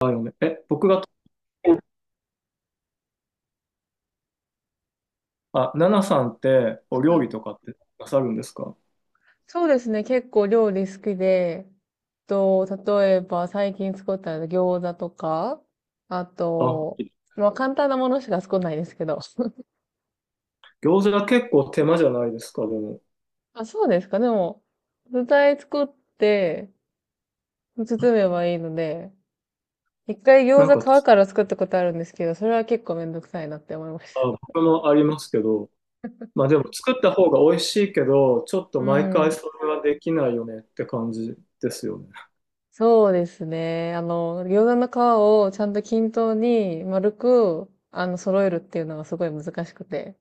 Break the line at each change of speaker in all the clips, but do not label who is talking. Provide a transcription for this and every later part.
あ、嫁。あ、ナナさんってお
は
料
い。
理とかってなさるんですか？
そうですね。結構料理好きで、例えば最近作った餃子とか、あ
あ、
と、まあ簡単なものしか作んないですけど。
餃子が結構手間じゃないですか、でも。
あ、そうですか。でも、具材作って、包めばいいので、一回
な
餃
んか、
子皮から作ったことあるんですけど、それは結構めんどくさいなって思いまし
あ、僕もありますけど、まあでも作った方が美味しいけど、ちょっと
た。う
毎回
ん。
それはできないよねって感じですよね。
そうですね。あの、餃子の皮をちゃんと均等に丸く、揃えるっていうのがすごい難しくて。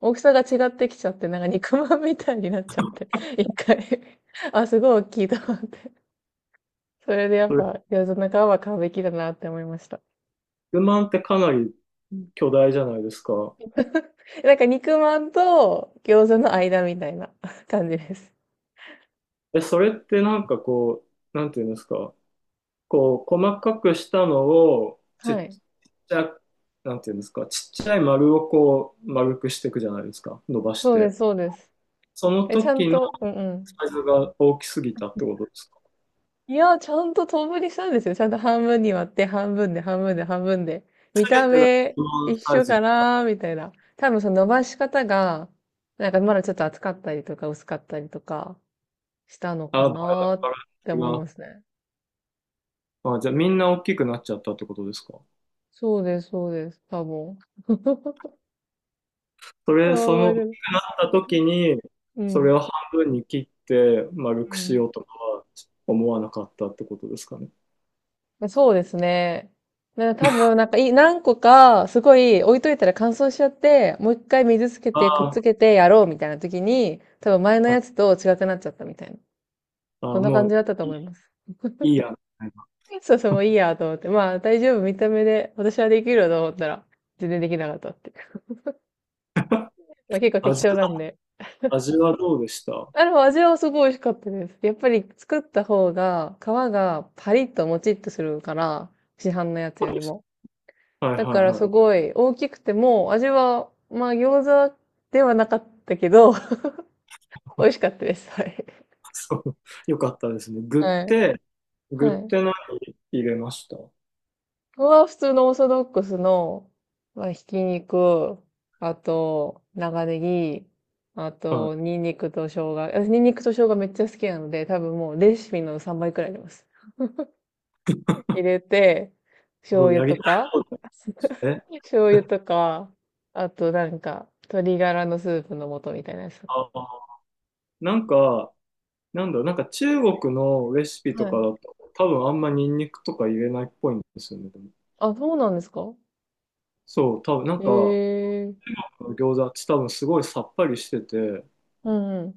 大きさが違ってきちゃって、なんか肉まんみたいになっちゃって。一回あ、すごい大きいと思って。それでやっ
それ、
ぱ餃子の皮は買うべきだなって思いました。
不満ってかなり巨大じゃないですか。
なんか肉まんと餃子の間みたいな 感じです。
それってなんかこう、なんていうんですか、こう、細かくしたのを、ち
は
っ
い。
ちゃ、なんていうんですか、ちっちゃい丸をこう、丸くしていくじゃないですか、伸ばし
そうで
て。
す、そうです。
その
え、ちゃん
時の
と、うんうん。
サイズが大きすぎたってことですか？
いや、ちゃんと等分にしたんですよ。ちゃんと半分に割って、半分で、半分で、半分で。
す
見た
べてが基
目、
本
一
サイ
緒
ズ。
かなみたいな。多分その伸ばし方が、なんかまだちょっと厚かったりとか薄かったりとかしたの
あ、
か
バ
な
ラ
っ
バ
て
ラ
思い
が。
ますね。
あ、じゃあみんな大きくなっちゃったってことですか？
そうです、そうです。多分。ああ、
そ
覚
の
え
大
て
き
る
くなった時に、
う
それを
ん。
半分に切って丸
う
くし
ん。
ようとかは思わなかったってことですかね。
そうですね。多分、なんかい、何個か、すごい置いといたら乾燥しちゃって、もう一回水つけて、くっつ
あ
けてやろうみたいな時に、多分前のや
ー、
つと違くなっちゃったみたいな。そ
あ、
んな
も
感じ
う
だったと
い
思
い、
います。
いいや。みたいな、
そうそう、もういいやと思って。まあ、大丈夫、見た目で、私はできるよと思ったら、全然できなかったっていう。まあ、結構適当な
味
んで。
味はどうでした？そ
あ、でも味はすごい美味しかったです。やっぱり作った方が、皮がパリッともちっとするから、市販のやつよ
う
り
です、
も。
はいは
だから
い
す
はい。
ごい大きくても、味は、まあ餃子ではなかったけど、美味しかったです。はい。
そう、よかったですね。具っ
はい。
て、具っ
はい。こ
て何入れました？
こは普通のオーソドックスの、まあ、ひき肉、あと、長ネギ、あ
は
と、
い。
ニンニクと生姜。私、ニンニクと生姜めっちゃ好きなので、多分もうレシピの3倍くらいあります。入れて、
す
醤
ごい
油
やり
と
たい
か、
です ね。
醤油とか、あとなんか、鶏ガラのスープの素みたいなやつ。
ああ。なんか、なんだろう、なんか中国のレシピと
は
かだ
い。
と、多分あんまニンニクとか入れないっぽいんですよね。でも
あ、そうなんですか。
そう、多分なんか、
ええ。
餃子って多分すごいさっぱりしてて、
うんうん。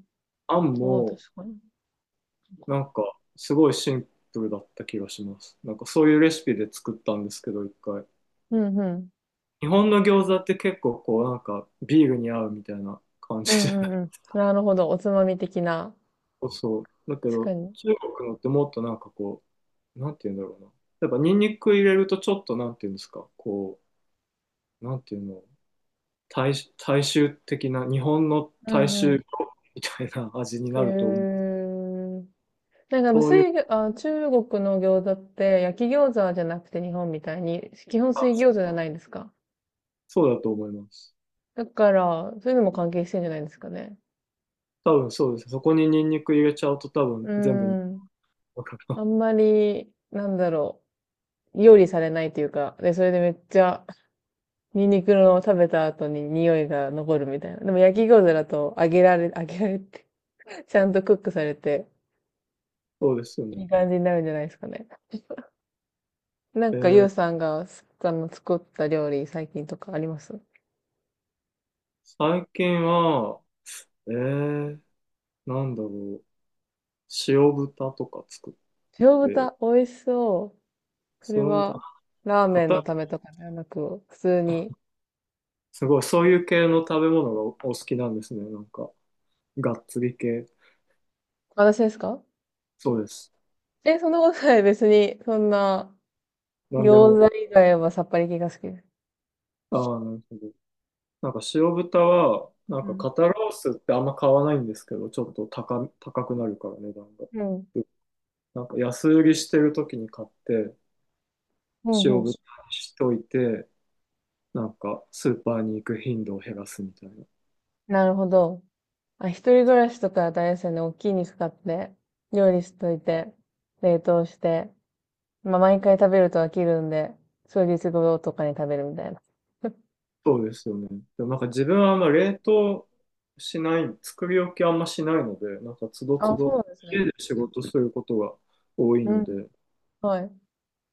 あん
そう、確
も
かに。
なんかすごいシンプルだった気がします。なんかそういうレシピで作ったんですけど、一回。
うんうん。
日本の餃子って結構こうなんかビールに合うみたいな感
う
じじゃ
ん
な
う
い？
んうん。なるほど。おつまみ的な。
そうそう。だけ
確か
ど
に。
中国のってもっとなんかこう、なんて言うんだろうな。やっぱニンニク入れるとちょっとなんて言うんですか、こう、なんていうの、大、大衆的な、日本の
う
大
んう
衆みたいな味に
ん。
な
へ
ると思う。
え。なんか、無
そういう、
水餃、あ、中国の餃子って焼き餃子じゃなくて日本みたいに、基本水
あ、
餃子じゃないですか。
そうだと思います。
だから、そういうのも関係してんじゃないですかね。
多分そうです。そこにニンニク入れちゃうと多
う
分全部ニンニ
ーん。
クかかる。
あんまり、料理されないというか、で、それでめっちゃニンニクの食べた後に匂いが残るみたいな。でも焼き餃子だと揚げられ、揚げられて ちゃんとクックされて、
そうですよね。
いい感じになるんじゃないですかね。なん
え
か、ゆ
ー
うさんがす、あの、作った料理、最近とかあります？
最近は、えー、なんだろう。塩豚とか作っ
塩
て、
豚、美味しそう。それ
塩豚、
は、ラーメン
硬
のためとかではなく、普通に。
すごい、そういう系の食べ物がお好きなんですね。なんか、がっつり系。
私ですか？
そうです。
え、そんなことない。別に、そんな、
なんでも。
餃子以外はさっぱり系が好きです。
ああ、なるほど。なんか塩豚は、なん
う
か
ん。
肩ロースってあんま買わないんですけど、ちょっと高くなるから値段が。
うん。
なんか安売りしてる時に買って、
うんう
塩
ん。
豚にしといて、なんかスーパーに行く頻度を減らすみたいな。
なるほど。あ、一人暮らしとか大変ですよね。大きい肉買って、料理しといて、冷凍して、まあ、毎回食べると飽きるんで、数日後とかに食べるみたいな。
そうですよね。でもなんか自分はあんま冷凍しない、作り置きあんましないので、なんかつど
あ、
つ
そう
ど、
なんですね。
家で仕事することが多い
う
の
ん。
で、
はい。う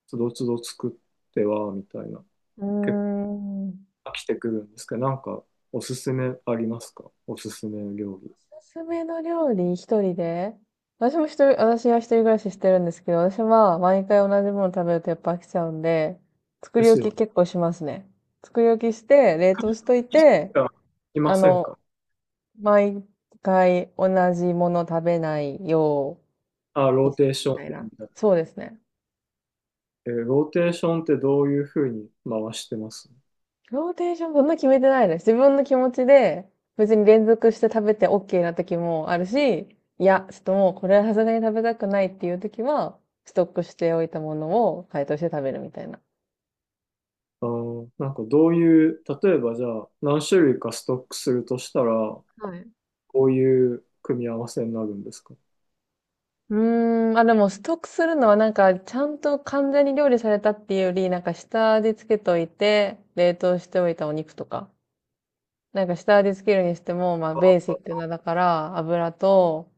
つどつど作ってはみたいな、
ー
結
ん。
構飽きてくるんですけど、なんかおすすめありますか？おすすめ料理。
おすすめの料理、一人で私も一人、私は一人暮らししてるんですけど、私は毎回同じもの食べるとやっぱ飽きちゃうんで、作
で
り
す
置
よ
き結
ね。
構しますね。作り置きして、冷凍しといて、
あいま
あ
せん
の、
か？
毎回同じもの食べないよ
あ、
う
ロー
にす
テー
る
シ
み
ョン
たい
でみ
な。
たいな。
そうですね。
ローテーションってどういうふうに回してます？
ローテーションそんな決めてないです。自分の気持ちで別に連続して食べて OK な時もあるし、いや、ちょっともうこれはさすがに食べたくないっていう時は、ストックしておいたものを解凍して食べるみたいな。
あー、なんかどういう、例えばじゃあ何種類かストックするとしたら、
はい。
こういう組み合わせになるんですか？
うーん、あ、でもストックするのはなんか、ちゃんと完全に料理されたっていうより、なんか下味つけといて、冷凍しておいたお肉とか、なんか下味つけるにしても、まあベーシックなだから油と、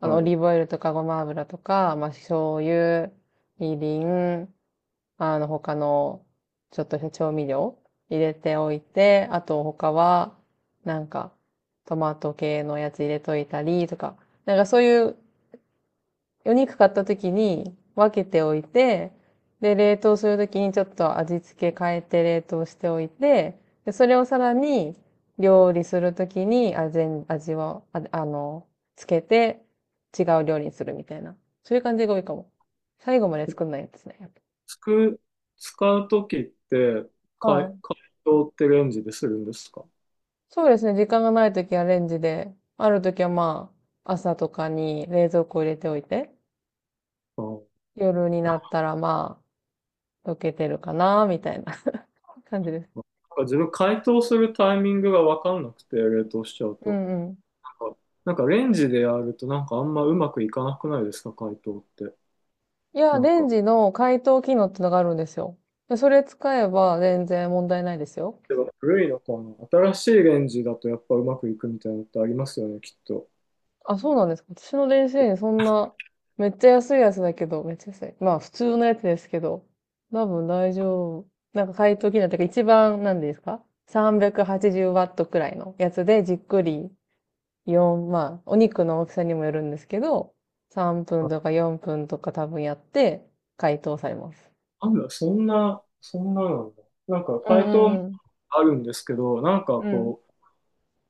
あのオ
はい。
リーブオイルとかごま油とか、まあ醤油、みりん、あの他のちょっとした調味料入れておいて、あと他はなんかトマト系のやつ入れといたりとか、なんかそういうお肉買った時に分けておいて、で、冷凍する時にちょっと味付け変えて冷凍しておいて、で、それをさらに料理する時に味を、あ、あの、つけて違う料理にするみたいな。そういう感じが多いかも。最後まで作んないやつですね。やっ
つく、使うときって、
ぱはい。
解凍ってレンジでするんですか？
そうですね。時間がない時はレンジで、ある時はまあ、朝とかに冷蔵庫入れておいて、
あー
夜になったらまあ、溶けてるかな、みたいな 感じです。
なんか自分、解凍するタイミングが分かんなくて、冷凍しちゃう
う
と。
んうん。
なんか、なんか、レンジでやるとなんかあんまうまくいかなくないですか？解凍って。
いや、
なん
レン
か。
ジの解凍機能ってのがあるんですよ。でそれ使えば全然問題ないですよ。
でも古いのかな、新しいレンジだとやっぱうまくいくみたいなのってありますよね、きっと。
あ、そうなんですか。私の電子レンジそんな、めっちゃ安いやつだけど、めっちゃ安い。まあ普通のやつですけど、多分大丈夫。なんか解凍機能ってか一番、なんですか？ 380 ワットくらいのやつでじっくり4、まあお肉の大きさにもよるんですけど、3分とか4分とか多分やって解凍されます。
あんだ、そんななんだ。なんか
う
解
ん
凍も
うん
あるんですけど、なんか
うん。うん。
こう、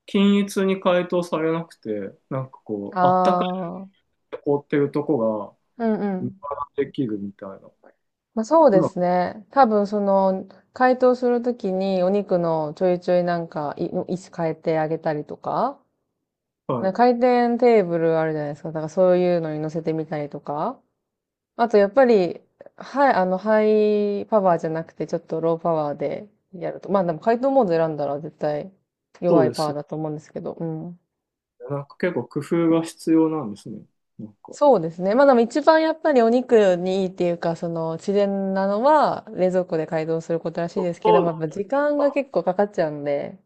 均一に解凍されなくて、なんかこう、あったか
ああ。
いと凍ってるとこが、
うんう
無駄
ん。
できるみたいな。
まあ、そう
う
で
ま
すね。多分その、解凍するときにお肉のちょいちょいなんか、位置変えてあげたりとか、
く、は
なん
い。
か回転テーブルあるじゃないですか。だからそういうのに乗せてみたりとか。あとやっぱり、はい、あの、ハイパワーじゃなくてちょっとローパワーでやると。まあでも解凍モード選んだら絶対
そ
弱
う
い
で
パワ
す
ー
よ
だと思うんですけど。うん。
ね。なんか結構工夫が必要なんですね。なんか。
そうですね。まあでも一番やっぱりお肉にいいっていうか、その自然なのは冷蔵庫で解凍することらしいですけど
そう
も、やっぱ
だ
時間が結構かかっちゃうんで、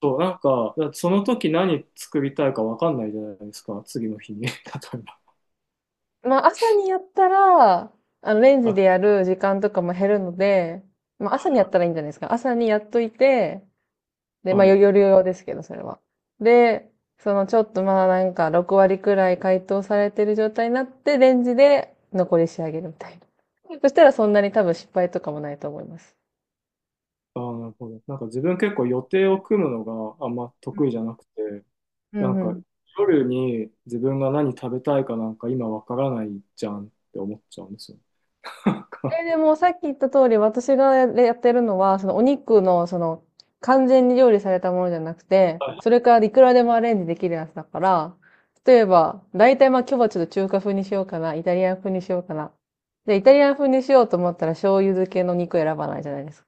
と、なんか、だってその時何作りたいかわかんないじゃないですか。次の日に。例えば。
まあ朝にやったら、あのレンジ
あ、
でやる時間とかも減るので、まあ朝にやったらいいんじゃないですか。朝にやっといて、で、まあ
はい。
夜用ですけど、それは。で、そのちょっとまあなんか6割くらい解凍されてる状態になって、レンジで残り仕上げるみたいな。そしたらそんなに多分失敗とかもないと思います。
あー、なるほど。なんか自分、結構予定を組むのがあんま得意じゃなくて、
う
な
ん
ん
う
か
ん。
夜に自分が何食べたいかなんか今わからないじゃんって思っちゃうんですよ。なんか、
え、でもさっき言った通り、私がやってるのは、そのお肉の、その、完全に料理されたものじゃなくて、それからいくらでもアレンジできるやつだから、例えば、大体まあ今日はちょっと中華風にしようかな、イタリアン風にしようかな。で、イタリアン風にしようと思ったら醤油漬けの肉選ばないじゃないですか。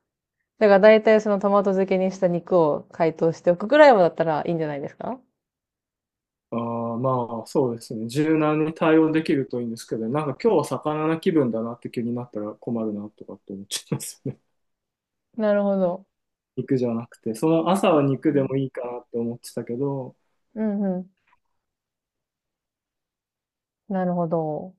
だから大体そのトマト漬けにした肉を解凍しておくくらいはだったらいいんじゃないですか？
あー、まあ、そうですね。柔軟に対応できるといいんですけどね、なんか今日は魚な気分だなって気になったら困るなとかって思っちゃいますよね。
なるほど。
肉じゃなくて、その朝は
う
肉で
ん。
もいいかなって思ってたけど、
うんうん。なるほど。